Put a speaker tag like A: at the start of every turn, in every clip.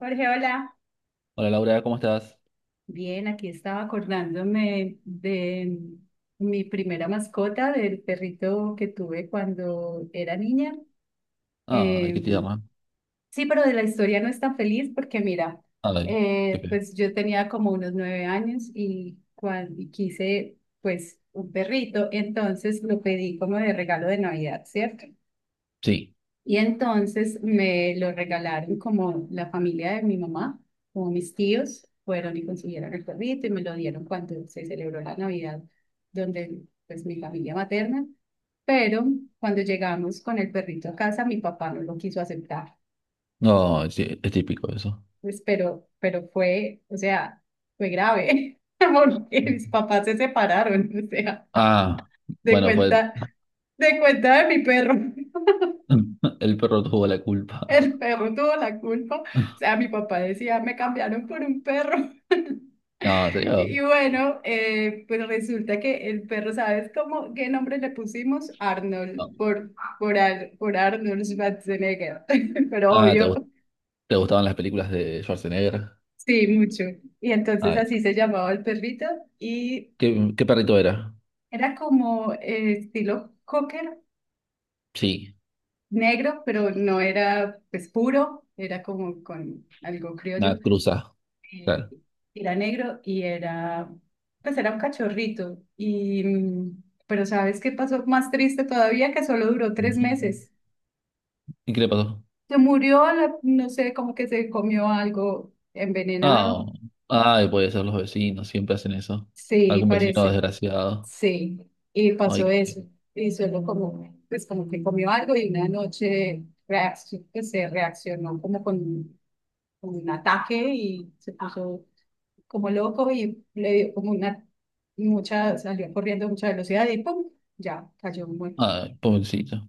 A: Jorge, hola.
B: Hola Laura, ¿cómo estás?
A: Bien, aquí estaba acordándome de mi primera mascota, del perrito que tuve cuando era niña.
B: Ay, ¿qué
A: Eh,
B: te llama?
A: sí, pero de la historia no es tan feliz porque mira,
B: Ay, qué pe-
A: pues yo tenía como unos 9 años y cuando quise pues un perrito, entonces lo pedí como de regalo de Navidad, ¿cierto?
B: sí,
A: Y entonces me lo regalaron como la familia de mi mamá, como mis tíos, fueron y consiguieron el perrito y me lo dieron cuando se celebró la Navidad, donde pues mi familia materna. Pero cuando llegamos con el perrito a casa, mi papá no lo quiso aceptar.
B: no, sí, es típico eso.
A: Pues, pero fue, o sea, fue grave, porque mis papás se separaron, o sea,
B: Ah,
A: de
B: bueno, fue
A: cuenta, de cuenta de mi perro.
B: el perro tuvo la culpa.
A: El perro tuvo la culpa. O sea, mi papá decía, me cambiaron por un perro.
B: No, ¿en serio?
A: Y bueno, pues resulta que el perro, ¿sabes cómo, qué nombre le pusimos? Arnold,
B: No.
A: por Arnold Schwarzenegger, pero
B: Ah, ¿te,
A: obvio,
B: gust- te gustaban las películas de Schwarzenegger?
A: sí, mucho. Y entonces
B: Ay,
A: así se llamaba el perrito y
B: ¿qué perrito era?
A: era como estilo cocker,
B: Sí,
A: negro, pero no era pues puro, era como con algo criollo.
B: una cruza.
A: eh,
B: Claro.
A: era negro y pues era un cachorrito. Y pero ¿sabes qué pasó más triste todavía? Que solo duró tres
B: Mm.
A: meses.
B: ¿Y qué le pasó?
A: Se murió, no sé, como que se comió algo
B: Ah,
A: envenenado.
B: ay, puede ser los vecinos, siempre hacen eso.
A: Sí,
B: Algún vecino
A: parece.
B: desgraciado.
A: Sí, y
B: Ay,
A: pasó
B: qué feo.
A: eso. Y solo como, pues como que comió algo y una noche pues, se reaccionó como con, un ataque y se puso como loco y le dio como una mucha, salió corriendo a mucha velocidad y ¡pum! Ya cayó muerto.
B: Ay, pobrecito.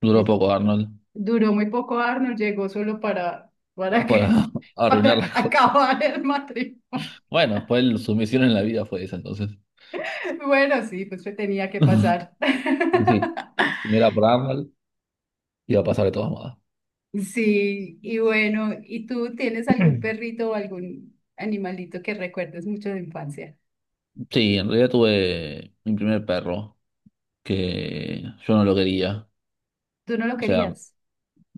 B: Duró
A: Es-
B: poco Arnold
A: Duró muy poco Arnold, llegó solo para
B: para
A: que,
B: arruinar
A: para
B: las cosas.
A: acabar el matrimonio.
B: Bueno, su misión en la vida fue esa entonces.
A: Bueno, sí, pues se tenía que pasar.
B: Y sí, si no era por Arnold, iba a pasar de todas modas.
A: Sí, y bueno, ¿y tú tienes algún perrito o algún animalito que recuerdes mucho de infancia?
B: Sí, en realidad tuve mi primer perro, que yo no lo quería.
A: ¿Tú no lo
B: O sea,
A: querías?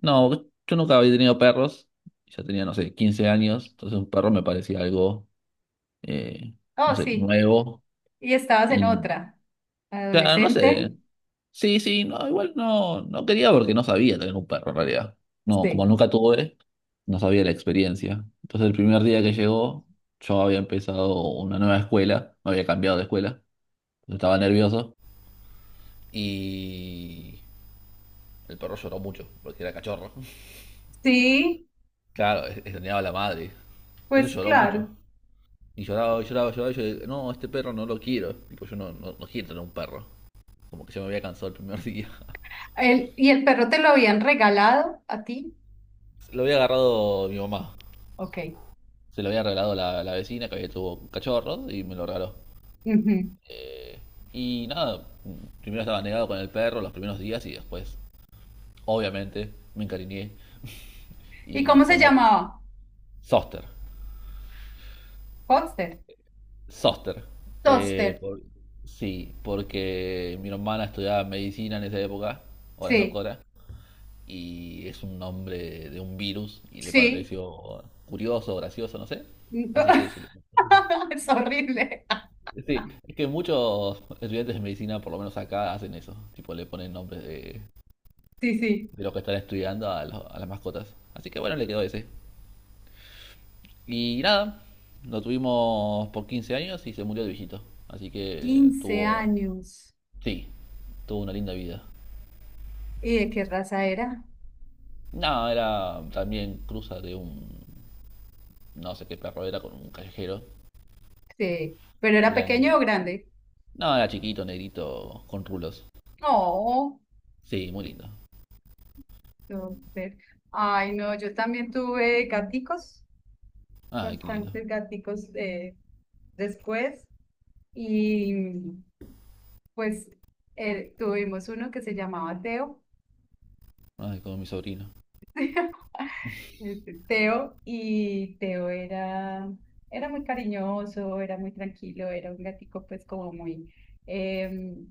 B: no, yo nunca había tenido perros. Ya tenía, no sé, 15 años. Entonces un perro me parecía algo, eh, no
A: Oh,
B: sé,
A: sí,
B: nuevo.
A: y estabas en
B: Y,
A: otra,
B: claro, no
A: adolescente.
B: sé. Sí, sí, no, igual no, no quería porque no sabía tener un perro en realidad. No, como
A: Sí.
B: nunca tuve, no sabía la experiencia. Entonces el primer día que llegó, yo había empezado una nueva escuela, me había cambiado de escuela, estaba nervioso y el perro lloró mucho porque era cachorro.
A: Sí,
B: Claro, extrañaba a la madre,
A: pues
B: entonces lloró mucho.
A: claro.
B: Y lloraba, lloraba, y yo dije, no, este perro no lo quiero. Tipo, yo no, no, no quiero tener un perro. Como que yo me había cansado el primer día.
A: ¿Y el perro te lo habían regalado a ti?
B: Lo había agarrado mi mamá.
A: Ok.
B: Se lo había regalado la vecina que había tuvo cachorros y me lo regaló.
A: Ujú.
B: Y nada, primero estaba negado con el perro los primeros días y después, obviamente, me encariñé
A: ¿Y
B: y
A: cómo se
B: formó
A: llamaba?
B: Soster.
A: Foster.
B: Soster. Eh,
A: Toaster.
B: por- sí, porque mi hermana estudiaba medicina en esa época, ahora es
A: Sí,
B: doctora, y es un nombre de un virus y le
A: sí.
B: pareció curioso, gracioso, no sé. Así que
A: Es horrible.
B: sí, es que muchos estudiantes de medicina, por lo menos acá, hacen eso. Tipo, le ponen nombres de,
A: Sí, sí.
B: de los que están estudiando a las mascotas. Así que bueno, le quedó ese. Y nada, lo tuvimos por 15 años y se murió de viejito. Así que
A: 15
B: tuvo,
A: años.
B: sí, tuvo una linda vida.
A: ¿Y de qué raza era?
B: No, era también cruza de un, no sé qué perro era, con un callejero.
A: Sí. ¿Pero
B: Y
A: era
B: era
A: pequeño o
B: negrito.
A: grande?
B: No, era chiquito, negrito, con rulos.
A: No.
B: Sí, muy lindo.
A: Toaster. Ay, no, yo también tuve gaticos,
B: Ay, qué lindo.
A: bastantes gaticos después. Y pues tuvimos uno que se llamaba Teo,
B: Ay, como mi sobrino.
A: Teo, y Teo era muy cariñoso, era muy tranquilo, era un gatico pues como muy, em,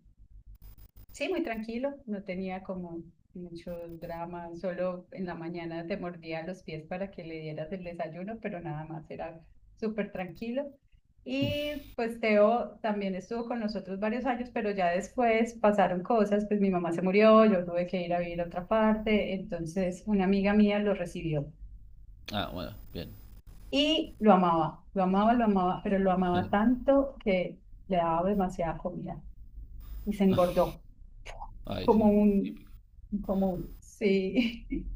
A: Sí, muy tranquilo, no tenía como mucho drama, solo en la mañana te mordía los pies para que le dieras el desayuno, pero nada más era súper tranquilo. Y pues Teo también estuvo con nosotros varios años, pero ya después pasaron cosas, pues mi mamá se murió, yo tuve que ir a vivir a otra parte, entonces una amiga mía lo recibió
B: Ah, bueno, bien.
A: y lo amaba, lo amaba, lo amaba, pero lo amaba tanto que le daba demasiada comida y se engordó.
B: Ay,
A: como
B: sí.
A: un, como, sí,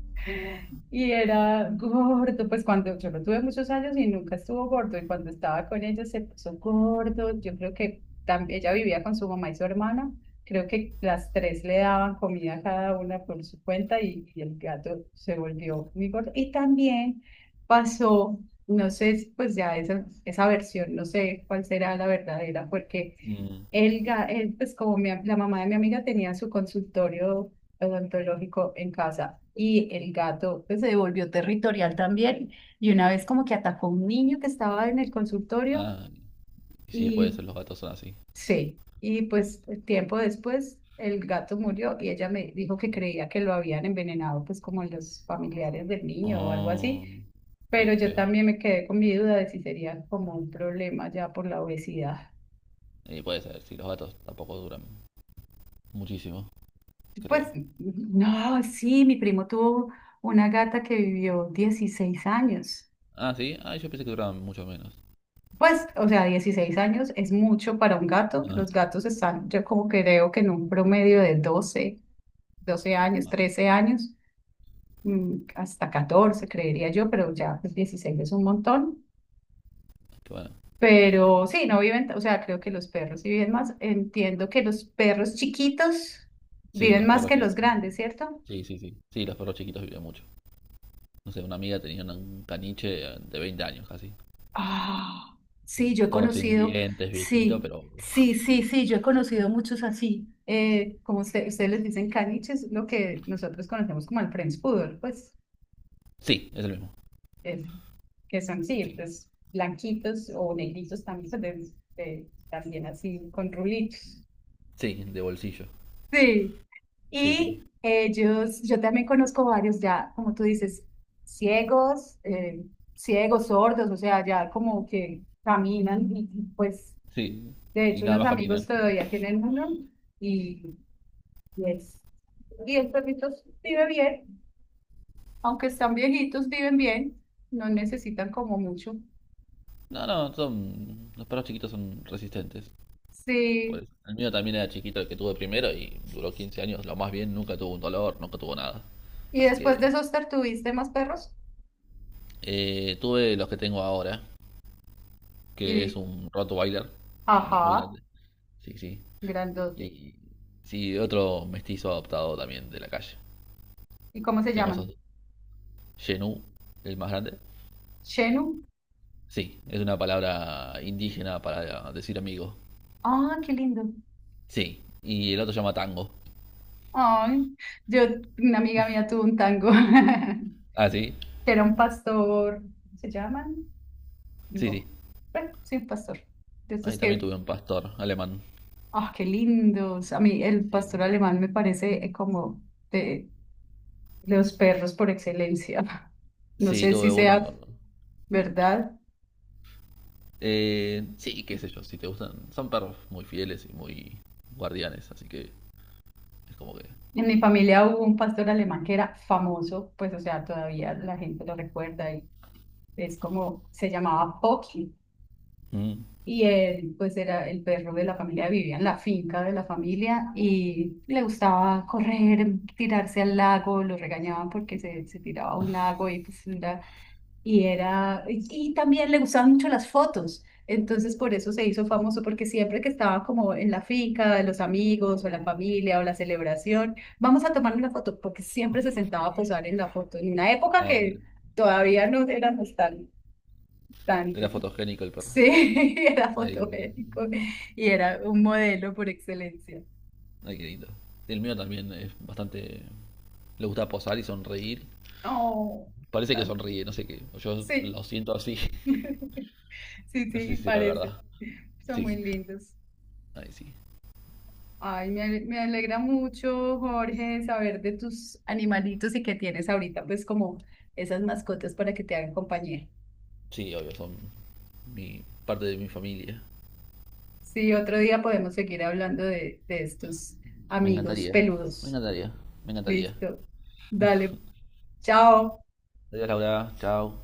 A: y era gordo, pues cuando yo lo tuve muchos años y nunca estuvo gordo, y cuando estaba con ella se puso gordo, yo creo que también ella vivía con su mamá y su hermana, creo que las tres le daban comida a cada una por su cuenta y el gato se volvió muy gordo, y también pasó, no sé, pues ya esa versión, no sé cuál será la verdadera, porque.
B: Mm,
A: Pues como la mamá de mi amiga tenía su consultorio odontológico en casa. Y el gato pues, se volvió territorial también. Y una vez como que atacó a un niño que estaba en el consultorio
B: ah, sí, puede
A: y
B: ser, los gatos son así.
A: sí, y pues tiempo después el gato murió y ella me dijo que creía que lo habían envenenado pues como los familiares del niño o algo
B: Oh,
A: así.
B: ay,
A: Pero
B: qué
A: yo
B: feo.
A: también me quedé con mi duda de si sería como un problema ya por la obesidad.
B: Puede ser, sí, los gatos tampoco duran muchísimo,
A: Pues
B: creo.
A: no, sí, mi primo tuvo una gata que vivió 16 años.
B: Ah, sí, ah, yo pensé que duraban mucho menos.
A: Pues, o sea, 16 años es mucho para un gato.
B: Ah,
A: Los gatos están, yo como que creo que en un promedio de 12 años,
B: ah,
A: 13 años, hasta 14 creería yo, pero ya pues, 16 es un montón.
B: qué bueno.
A: Pero sí, no viven, o sea, creo que los perros sí viven más. Entiendo que los perros chiquitos
B: Sí,
A: viven
B: los
A: más
B: perros
A: que los
B: chiquitos.
A: grandes, ¿cierto?
B: Sí, sí, sí. Sí, los perros chiquitos viven mucho. No sé, una amiga tenía un caniche de 20 años casi.
A: Ah, sí,
B: Sí,
A: yo he
B: todo sin
A: conocido,
B: dientes, viejito,
A: sí,
B: pero...
A: sí, sí, sí, yo he conocido muchos así, como ustedes les dicen caniches, lo que nosotros conocemos como el French Poodle, pues,
B: Sí, es el mismo.
A: eh, que son, sí,
B: Sí,
A: pues, blanquitos o negritos también, pues, también así, con rulitos.
B: sí, de bolsillo.
A: Sí,
B: Sí, sí,
A: y ellos, yo también conozco varios ya, como tú dices, ciegos, eh, ciegos, sordos, o sea, ya como que caminan y, pues.
B: sí.
A: De
B: Y
A: hecho,
B: nada
A: unos
B: más
A: amigos
B: caminan.
A: todavía tienen uno y, y es, y el perrito vive bien, aunque están viejitos, viven bien, no necesitan como mucho.
B: No, no, son... Los perros chiquitos son resistentes. Pues
A: Sí,
B: el mío también era chiquito, el que tuve primero, y duró 15 años, lo más bien, nunca tuvo un dolor, nunca tuvo nada.
A: y
B: Así
A: después de
B: que
A: esos tuviste más perros
B: tuve los que tengo ahora, que es
A: y,
B: un Rottweiler, uno muy
A: ajá,
B: grande, sí, sí.
A: grandote.
B: Y sí, otro mestizo adoptado también de la calle.
A: ¿Y cómo se
B: Tengo esos
A: llaman?
B: dos. Genu, el más grande.
A: Shenu.
B: Sí, es una palabra indígena para decir amigo.
A: Ah, qué lindo.
B: Sí, y el otro se llama Tango.
A: Ay, yo, una amiga mía tuvo un tango,
B: Ah, sí,
A: que era un pastor, ¿se llaman?
B: sí, sí.
A: No. Bueno, sí, un pastor. De
B: Ahí
A: estos
B: también
A: que.
B: tuve un pastor alemán.
A: Ah, qué lindos. A mí el
B: Sí,
A: pastor alemán me parece como de los perros por excelencia. No
B: sí,
A: sé
B: tuve
A: si
B: uno.
A: sea verdad.
B: Sí, qué sé yo, si te gustan. Son perros muy fieles y muy guardianes, así que es como que.
A: En mi familia hubo un pastor alemán que era famoso, pues o sea, todavía la gente lo recuerda y es como, se llamaba Pocky
B: Mm.
A: y él pues era el perro de la familia, vivía en la finca de la familia y le gustaba correr, tirarse al lago, lo regañaban porque se tiraba a un lago y pues era y también le gustaban mucho las fotos. Entonces, por eso se hizo famoso, porque siempre que estaba como en la finca de los amigos o la familia o la celebración, vamos a tomar una foto, porque siempre se sentaba a posar en la foto, en una época
B: Ah, bueno.
A: que todavía no éramos tan, tan,
B: Era fotogénico el perro.
A: sí, era
B: Ay, boludo.
A: fotogénico y era un modelo por excelencia.
B: Ay, qué lindo. El mío también es bastante. Le gusta posar y sonreír.
A: Oh,
B: Parece que
A: tal vez.
B: sonríe, no sé qué. O yo
A: Sí,
B: lo siento así.
A: sí,
B: No sé
A: sí,
B: si será
A: parece.
B: verdad.
A: Son muy
B: Sí,
A: lindos.
B: ay, sí.
A: Ay, me alegra mucho, Jorge, saber de tus animalitos y que tienes ahorita, pues, como esas mascotas para que te hagan compañía.
B: Sí, obvio, son parte de mi familia.
A: Sí, otro día podemos seguir hablando de estos
B: Me
A: amigos
B: encantaría. Me
A: peludos.
B: encantaría. Me encantaría.
A: Listo. Dale, chao.
B: Adiós, Laura. Chao.